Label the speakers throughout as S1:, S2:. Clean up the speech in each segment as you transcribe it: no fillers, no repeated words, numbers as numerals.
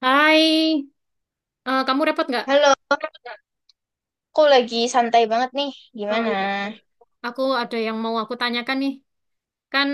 S1: Hai, kamu repot nggak?
S2: Halo, aku lagi santai banget nih.
S1: Oh
S2: Gimana?
S1: iya, iya. Aku ada yang mau aku tanyakan nih. Kan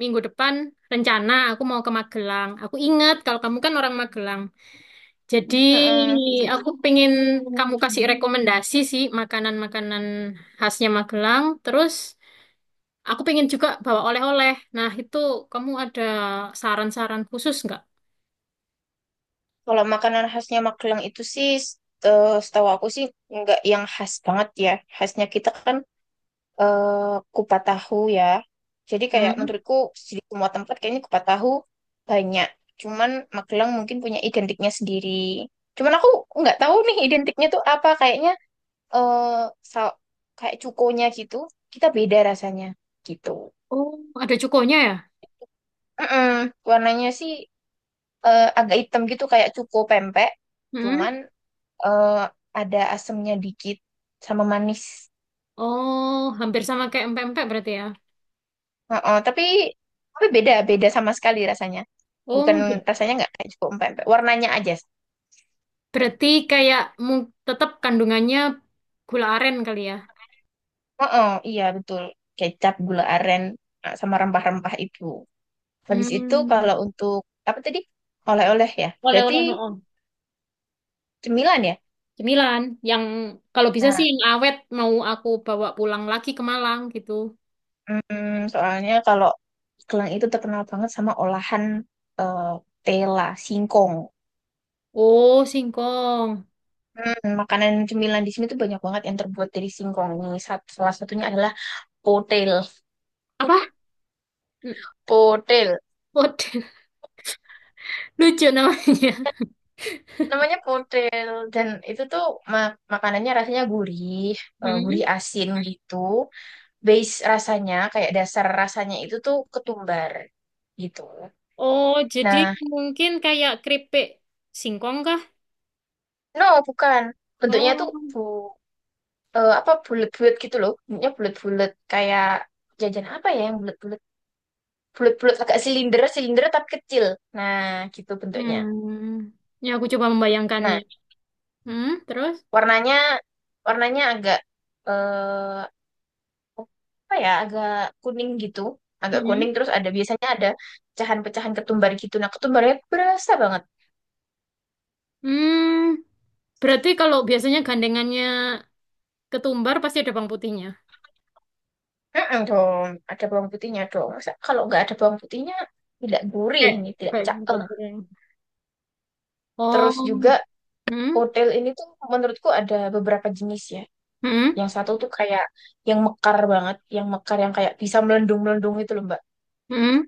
S1: minggu depan rencana aku mau ke Magelang. Aku ingat kalau kamu kan orang Magelang. Jadi
S2: Mm-mm.
S1: aku pengen kamu kasih rekomendasi sih makanan-makanan khasnya Magelang. Terus aku pengen juga bawa oleh-oleh. Nah itu kamu ada saran-saran khusus nggak?
S2: Kalau makanan khasnya Magelang itu sih, setahu aku sih nggak yang khas banget ya. Khasnya kita kan kupat tahu ya. Jadi kayak
S1: Hmm.
S2: menurutku di semua tempat kayaknya kupat tahu banyak. Cuman Magelang mungkin punya identiknya sendiri. Cuman aku nggak tahu nih identiknya tuh apa. Kayaknya eh sa- kayak cukonya gitu. Kita beda rasanya gitu.
S1: Oh, ada cukonya ya?
S2: Mm-mm. Warnanya sih agak hitam gitu kayak cuko pempek,
S1: Hmm?
S2: cuman eh, ada asemnya dikit sama manis.
S1: Oh, hampir sama kayak empek-empek berarti ya?
S2: Heeh, tapi beda beda sama sekali rasanya. Bukan,
S1: Oh, gitu.
S2: rasanya nggak kayak cuko pempek, warnanya aja.
S1: Berarti kayak tetap kandungannya gula aren kali ya.
S2: Heeh, iya betul. Kecap, gula aren, sama rempah-rempah itu. Habis itu
S1: Hmm,
S2: kalau untuk apa tadi? Oleh-oleh ya. Berarti
S1: oleh-oleh no. Oh.
S2: cemilan ya?
S1: Cemilan yang kalau bisa sih
S2: Nah,
S1: yang awet mau aku bawa pulang lagi ke Malang gitu.
S2: soalnya kalau Kelang itu terkenal banget sama olahan eh, tela, singkong.
S1: Oh, singkong.
S2: Makanan cemilan di sini tuh banyak banget yang terbuat dari singkong. Ini salah satunya adalah potel.
S1: Apa?
S2: Potel.
S1: Pot. Lucu namanya.
S2: Namanya potel dan itu tuh makanannya rasanya gurih, gurih
S1: Hmm.
S2: asin gitu. Base rasanya kayak dasar rasanya itu tuh ketumbar gitu.
S1: Oh, jadi
S2: Nah,
S1: mungkin kayak keripik singkong kah?
S2: no bukan. Bentuknya tuh
S1: Oh.
S2: apa, bulat-bulat gitu loh. Bentuknya bulat-bulat kayak jajan apa ya yang bulat-bulat? Bulat-bulat agak silinder, silinder tapi kecil. Nah, gitu bentuknya.
S1: Hmm. Ya aku coba membayangkannya.
S2: Nah,
S1: Hmm, terus?
S2: warnanya warnanya agak eh apa ya, agak kuning gitu, agak
S1: Hmm.
S2: kuning terus ada, biasanya ada pecahan-pecahan ketumbar gitu, nah ketumbarnya berasa banget.
S1: Hmm. Berarti kalau biasanya gandengannya ketumbar pasti ada bawang putihnya.
S2: Dong ada bawang putihnya dong. Masa kalau nggak ada bawang putihnya, tidak gurih,
S1: Kayak
S2: ini tidak
S1: kayak
S2: cakep.
S1: kayak goreng.
S2: Terus juga
S1: Oh, hmm,
S2: otel ini tuh menurutku ada beberapa jenis ya.
S1: hmm,
S2: Yang satu tuh kayak yang mekar banget, yang mekar, yang kayak bisa melendung melendung itu loh, mbak.
S1: hmm.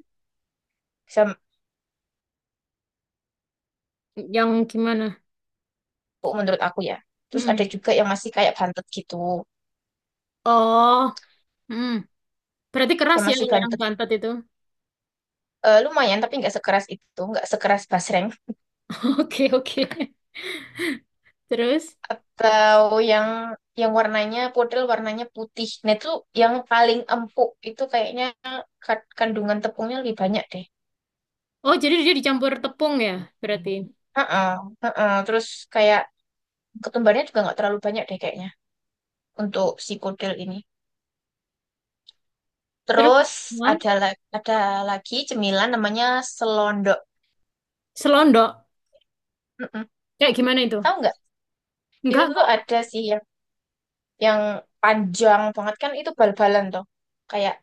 S2: Bisa.
S1: Yang gimana?
S2: Oh, menurut aku ya. Terus
S1: Hmm.
S2: ada juga yang masih kayak bantet gitu.
S1: Oh, hmm. Berarti keras
S2: Ya
S1: ya
S2: masih
S1: kalau yang
S2: bantet itu.
S1: bantet itu.
S2: Lumayan tapi nggak sekeras itu, nggak sekeras basreng.
S1: Oke, oke. Terus,
S2: Atau yang yang warnanya, model warnanya putih. Nah itu yang paling empuk itu kayaknya kandungan tepungnya lebih banyak deh.
S1: oh jadi dia dicampur tepung ya, berarti.
S2: Heeh, heeh. Terus kayak ketumbarnya juga nggak terlalu banyak deh kayaknya untuk si kodel ini.
S1: Terus,
S2: Terus
S1: hah?
S2: ada lagi cemilan namanya selondok.
S1: Selondok.
S2: Mm-mm.
S1: Kayak gimana itu?
S2: Tahu nggak? Itu
S1: Enggak,
S2: tuh
S1: enggak.
S2: ada sih yang panjang banget kan itu bal-balan tuh. Kayak.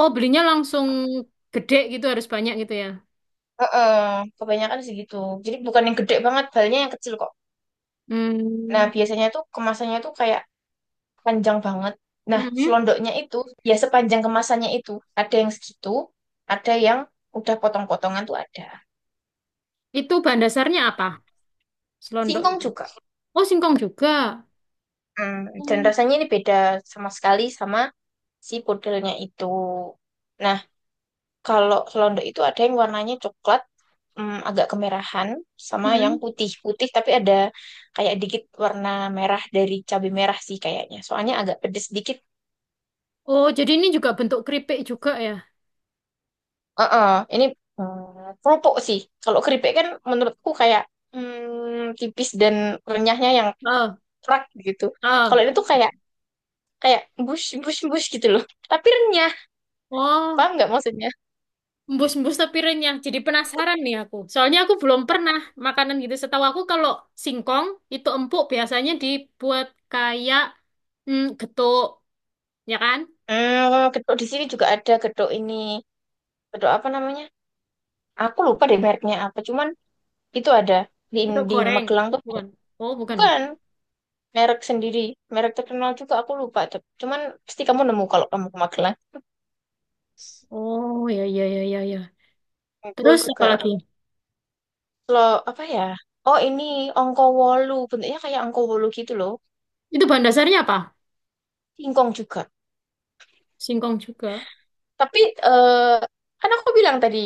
S1: Oh, belinya langsung gede gitu, harus banyak gitu ya.
S2: Heeh, kebanyakan segitu. Jadi bukan yang gede banget, balnya yang kecil kok. Nah,
S1: Hmm,
S2: biasanya tuh kemasannya tuh kayak panjang banget. Nah,
S1: hmm.
S2: selondoknya itu ya sepanjang kemasannya itu. Ada yang segitu, ada yang udah potong-potongan tuh ada.
S1: Itu bahan dasarnya apa? Selondok
S2: Singkong
S1: itu.
S2: juga.
S1: Oh, singkong juga.
S2: Hmm, dan
S1: Hmm.
S2: rasanya ini beda sama sekali sama si pudelnya itu. Nah, kalau selondok itu ada yang warnanya coklat, agak kemerahan, sama yang
S1: Mm-mm.
S2: putih-putih tapi ada kayak dikit warna merah dari cabai merah sih kayaknya. Soalnya agak pedes dikit.
S1: Oh, jadi ini juga bentuk keripik juga ya?
S2: Heeh, ini keropok sih. Kalau keripik kan menurutku kayak tipis, dan renyahnya yang
S1: Oh,
S2: kerak gitu.
S1: oh.
S2: Kalau ini tuh kayak kayak bus bus bus gitu loh. Tapi renyah,
S1: Oh,
S2: paham nggak maksudnya?
S1: embus-embus tapi renyah. Jadi penasaran nih aku. Soalnya aku belum pernah makanan gitu. Setahu aku kalau singkong itu empuk biasanya dibuat kayak getuk, ya kan?
S2: Gedok di sini juga ada gedok ini. Gedok apa namanya? Aku lupa deh mereknya apa. Cuman itu ada di
S1: Getuk
S2: di
S1: goreng,
S2: Magelang tuh
S1: bukan?
S2: banyak.
S1: Oh, bukan ya?
S2: Bukan merek sendiri, merek terkenal juga aku lupa tuh. Cuman pasti kamu nemu kalau kamu ke Magelang.
S1: Oh, ya, ya, ya, ya, ya.
S2: Itu
S1: Terus
S2: juga
S1: apa lagi?
S2: lo apa ya? Oh ini angko wolu, bentuknya kayak angko wolu gitu loh.
S1: Itu bahan dasarnya apa?
S2: Singkong juga.
S1: Singkong juga.
S2: Tapi eh kan aku bilang tadi,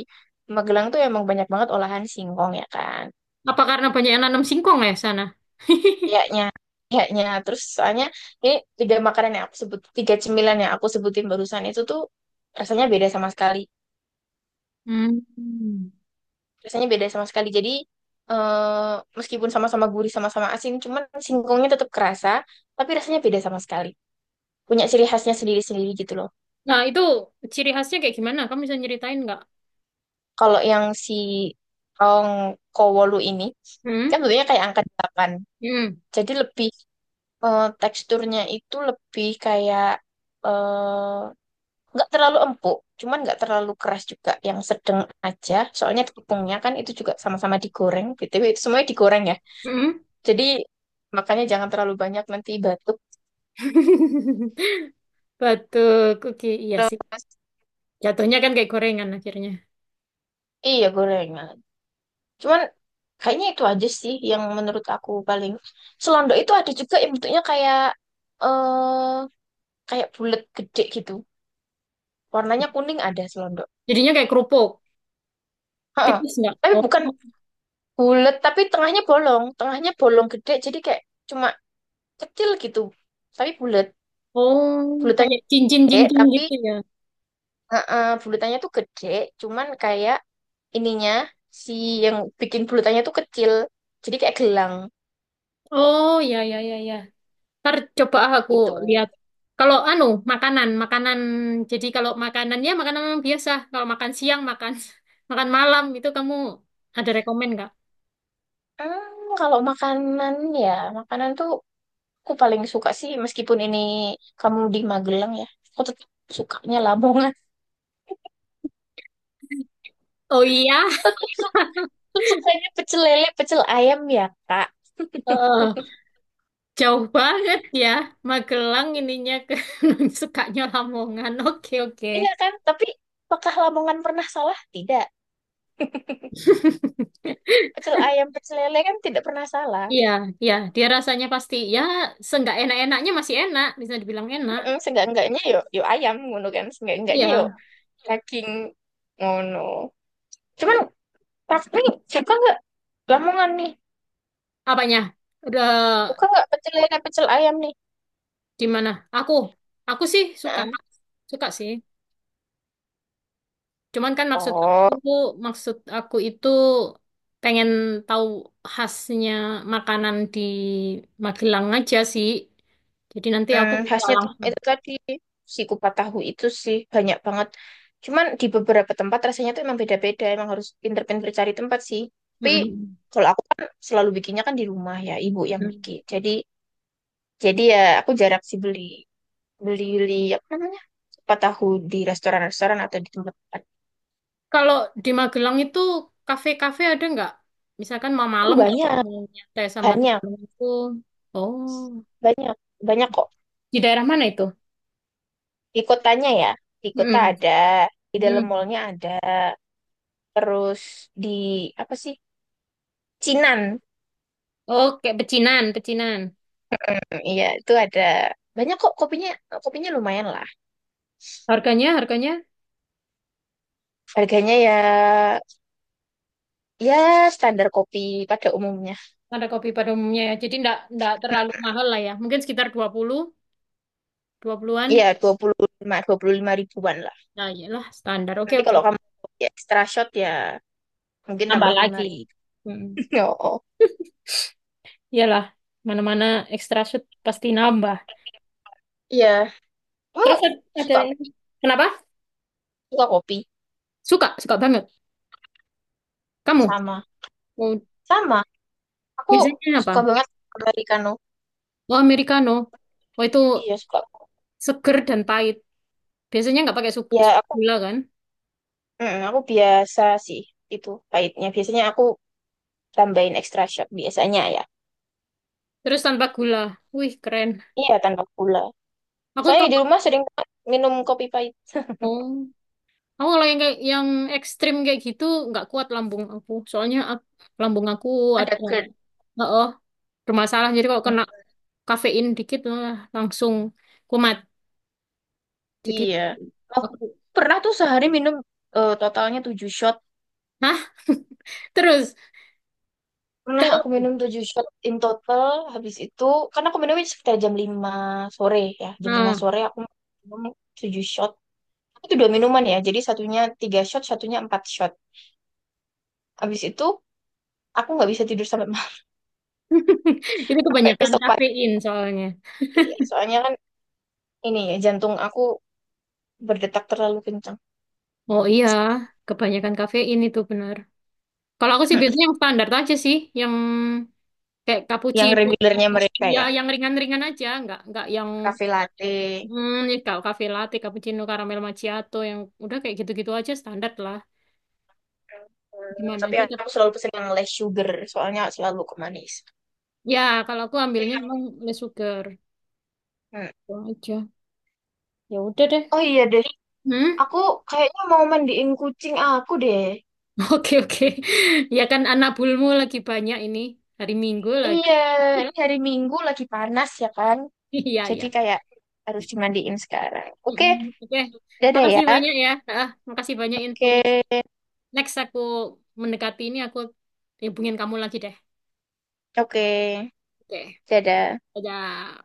S2: Magelang tuh emang banyak banget olahan singkong ya kan.
S1: Apa karena banyak yang nanam singkong ya sana?
S2: Kayaknya kayaknya terus, soalnya ini tiga makanan yang aku sebut, tiga cemilan yang aku sebutin barusan itu tuh rasanya beda sama sekali.
S1: Hmm.
S2: Rasanya beda sama sekali. Jadi eh, meskipun sama-sama gurih, sama-sama asin, cuman singkongnya tetap kerasa, tapi rasanya beda sama sekali. Punya ciri khasnya sendiri-sendiri gitu loh.
S1: Nah, itu ciri khasnya kayak gimana? Kamu bisa nyeritain nggak?
S2: Kalau yang si tong kowolu ini,
S1: Hmm?
S2: kan bentuknya kayak angka 8.
S1: Hmm?
S2: Jadi lebih teksturnya itu lebih kayak eh, nggak terlalu empuk, cuman nggak terlalu keras juga, yang sedang aja. Soalnya tepungnya kan itu juga sama-sama digoreng. BTW itu semuanya digoreng ya.
S1: Hmm?
S2: Jadi makanya jangan terlalu banyak, nanti batuk.
S1: Batu kuki, iya sih.
S2: Terus,
S1: Jatuhnya kan kayak gorengan akhirnya.
S2: iya gorengan. Cuman kayaknya itu aja sih yang menurut aku paling. Selondok itu ada juga yang bentuknya kayak eh kayak bulat gede gitu. Warnanya kuning, ada selondok.
S1: Jadinya kayak kerupuk.
S2: Heeh.
S1: Tipis nggak?
S2: Tapi
S1: Oh,
S2: bukan, bulat tapi tengahnya bolong. Tengahnya bolong gede, jadi kayak cuma kecil gitu. Tapi bulat.
S1: oh,
S2: Bulatannya
S1: kayak
S2: gede
S1: cincin-cincin
S2: tapi
S1: gitu ya.
S2: heeh, bulatannya tuh gede cuman kayak ininya, si yang bikin bulutannya tuh kecil. Jadi kayak gelang
S1: Oh, ya, ya, ya, ya. Ntar coba aku
S2: gitu.
S1: lihat. Kalau anu, makanan, makanan. Jadi kalau makanannya makanan yang biasa. Kalau makan siang, makan makan malam itu kamu ada rekomen nggak?
S2: Kalau makanan ya, makanan tuh aku paling suka sih, meskipun ini kamu di Magelang ya, aku tetap sukanya Lamongan.
S1: Oh iya.
S2: Tetap suka, tetap sukanya pecel lele, pecel ayam ya, Kak.
S1: Heeh. Jauh banget ya, Magelang ininya ke sukanya Lamongan. Oke, oke.
S2: Iya kan? Tapi apakah Lamongan pernah salah? Tidak. Pecel ayam, pecel lele kan tidak pernah salah.
S1: Iya, iya, dia rasanya pasti ya seenggak enak-enaknya masih enak, bisa dibilang enak.
S2: Seenggak-enggaknya yo yo ayam ngono kan.
S1: Iya,
S2: Seenggak-enggaknya yo daging ngono. Cuman tapi suka nggak Lamongan nih.
S1: apanya? Udah
S2: Buka nggak pecel lele, pecel ayam nih.
S1: di mana? Aku, aku sih suka,
S2: Heeh.
S1: suka sih. Cuman kan
S2: Oh,
S1: aku, maksud aku itu pengen tahu khasnya makanan di Magelang aja sih. Jadi nanti aku bisa
S2: khasnya tuh
S1: langsung.
S2: itu tadi si kupat tahu itu sih banyak banget. Cuman di beberapa tempat rasanya tuh emang beda-beda. Emang harus pinter-pinter cari tempat sih. Tapi
S1: Mm-mm.
S2: kalau aku kan selalu bikinnya kan di rumah ya, ibu yang bikin. Jadi ya aku jarang sih beli, beli beli apa namanya, kupat tahu, di restoran-restoran atau di tempat-tempat.
S1: Kalau di Magelang itu kafe-kafe ada nggak? Misalkan mau
S2: Itu
S1: malam kalau
S2: banyak,
S1: aku mau nyantai sama
S2: banyak,
S1: temanku. Oh,
S2: banyak, banyak kok.
S1: di daerah mana itu?
S2: Di kotanya ya, di kota
S1: Mm-mm.
S2: ada, di dalam
S1: Mm.
S2: mallnya ada, terus di apa sih, Cinan.
S1: Oke, pecinan, pecinan.
S2: Hmm, iya itu ada banyak kok kopinya. Kopinya lumayan lah.
S1: Harganya
S2: Harganya ya, ya standar kopi pada umumnya.
S1: ada kopi pada umumnya ya. Jadi ndak ndak terlalu
S2: Hmm,
S1: mahal lah ya. Mungkin sekitar 20, 20-an.
S2: iya, dua puluh lima, 25 ribuan lah.
S1: Nah, iyalah standar. Oke,
S2: Nanti
S1: oke.
S2: kalau kamu kopi extra shot ya, mungkin
S1: Nambah
S2: tambah lima
S1: lagi.
S2: ribu
S1: Mm-mm.
S2: Oh oh.
S1: Iyalah, mana-mana extra shoot pasti nambah.
S2: Iya, kamu
S1: Terus ada,
S2: suka
S1: ada- kenapa?
S2: suka kopi.
S1: Suka, suka banget. Kamu?
S2: Sama sama aku,
S1: Biasanya apa?
S2: suka banget americano.
S1: Oh, americano. Oh, itu
S2: Iya suka
S1: seger dan pahit. Biasanya nggak pakai
S2: ya. Aku,
S1: gula kan?
S2: aku biasa sih itu pahitnya. Biasanya aku tambahin extra shot biasanya ya.
S1: Terus tanpa gula. Wih, keren.
S2: Iya, tanpa gula.
S1: Aku
S2: Soalnya
S1: kalau
S2: di rumah sering minum kopi pahit.
S1: oh, aku kalau yang kayak yang ekstrim kayak gitu nggak kuat lambung aku. Soalnya lambung aku ada
S2: Ada GERD.
S1: bermasalah. Jadi kalau
S2: Mm,
S1: kena kafein dikit wah, langsung kumat. Jadi
S2: iya. Oh,
S1: aku.
S2: pernah tuh sehari minum totalnya 7 shot.
S1: Hah? Terus
S2: Pernah
S1: kalau,
S2: aku minum 7 shot in total. Habis itu, karena aku minumnya sekitar jam 5 sore ya. Jam 5
S1: nah,
S2: sore aku minum 7 shot. Itu dua minuman ya. Jadi satunya 3 shot, satunya 4 shot. Habis itu, aku nggak bisa tidur sampai malam.
S1: itu
S2: Sampai
S1: kebanyakan
S2: besok pagi.
S1: kafein soalnya.
S2: Iya, soalnya kan ini ya, jantung aku berdetak terlalu kencang.
S1: Oh iya, kebanyakan kafein itu benar. Kalau aku sih biasanya yang standar aja sih, yang kayak
S2: Yang
S1: cappuccino,
S2: regulernya mereka
S1: ya
S2: ya,
S1: yang ringan-ringan aja, nggak yang
S2: cafe latte.
S1: kalau cafe latte, cappuccino, caramel macchiato, yang udah kayak gitu-gitu aja standar lah.
S2: Eh,
S1: Gimana
S2: tapi
S1: aja tapi
S2: aku selalu pesen yang less sugar, soalnya selalu kemanis.
S1: ya kalau aku ambilnya emang less sugar
S2: Hmm.
S1: itu aja. Ya udah deh.
S2: Oh iya deh,
S1: Hmm?
S2: aku kayaknya mau mandiin kucing aku deh.
S1: Oke, oke. Ya kan anak bulmu lagi banyak ini hari Minggu lagi.
S2: Iya, ini hari Minggu lagi panas ya kan.
S1: Iya
S2: Jadi
S1: ya.
S2: kayak harus dimandiin sekarang. Oke,
S1: Oke.
S2: dadah ya.
S1: Makasih banyak ya. Ah, makasih banyak infonya.
S2: Oke,
S1: Next aku mendekati ini aku hubungin kamu lagi deh.
S2: oke,
S1: Oke,
S2: dadah.
S1: dadah.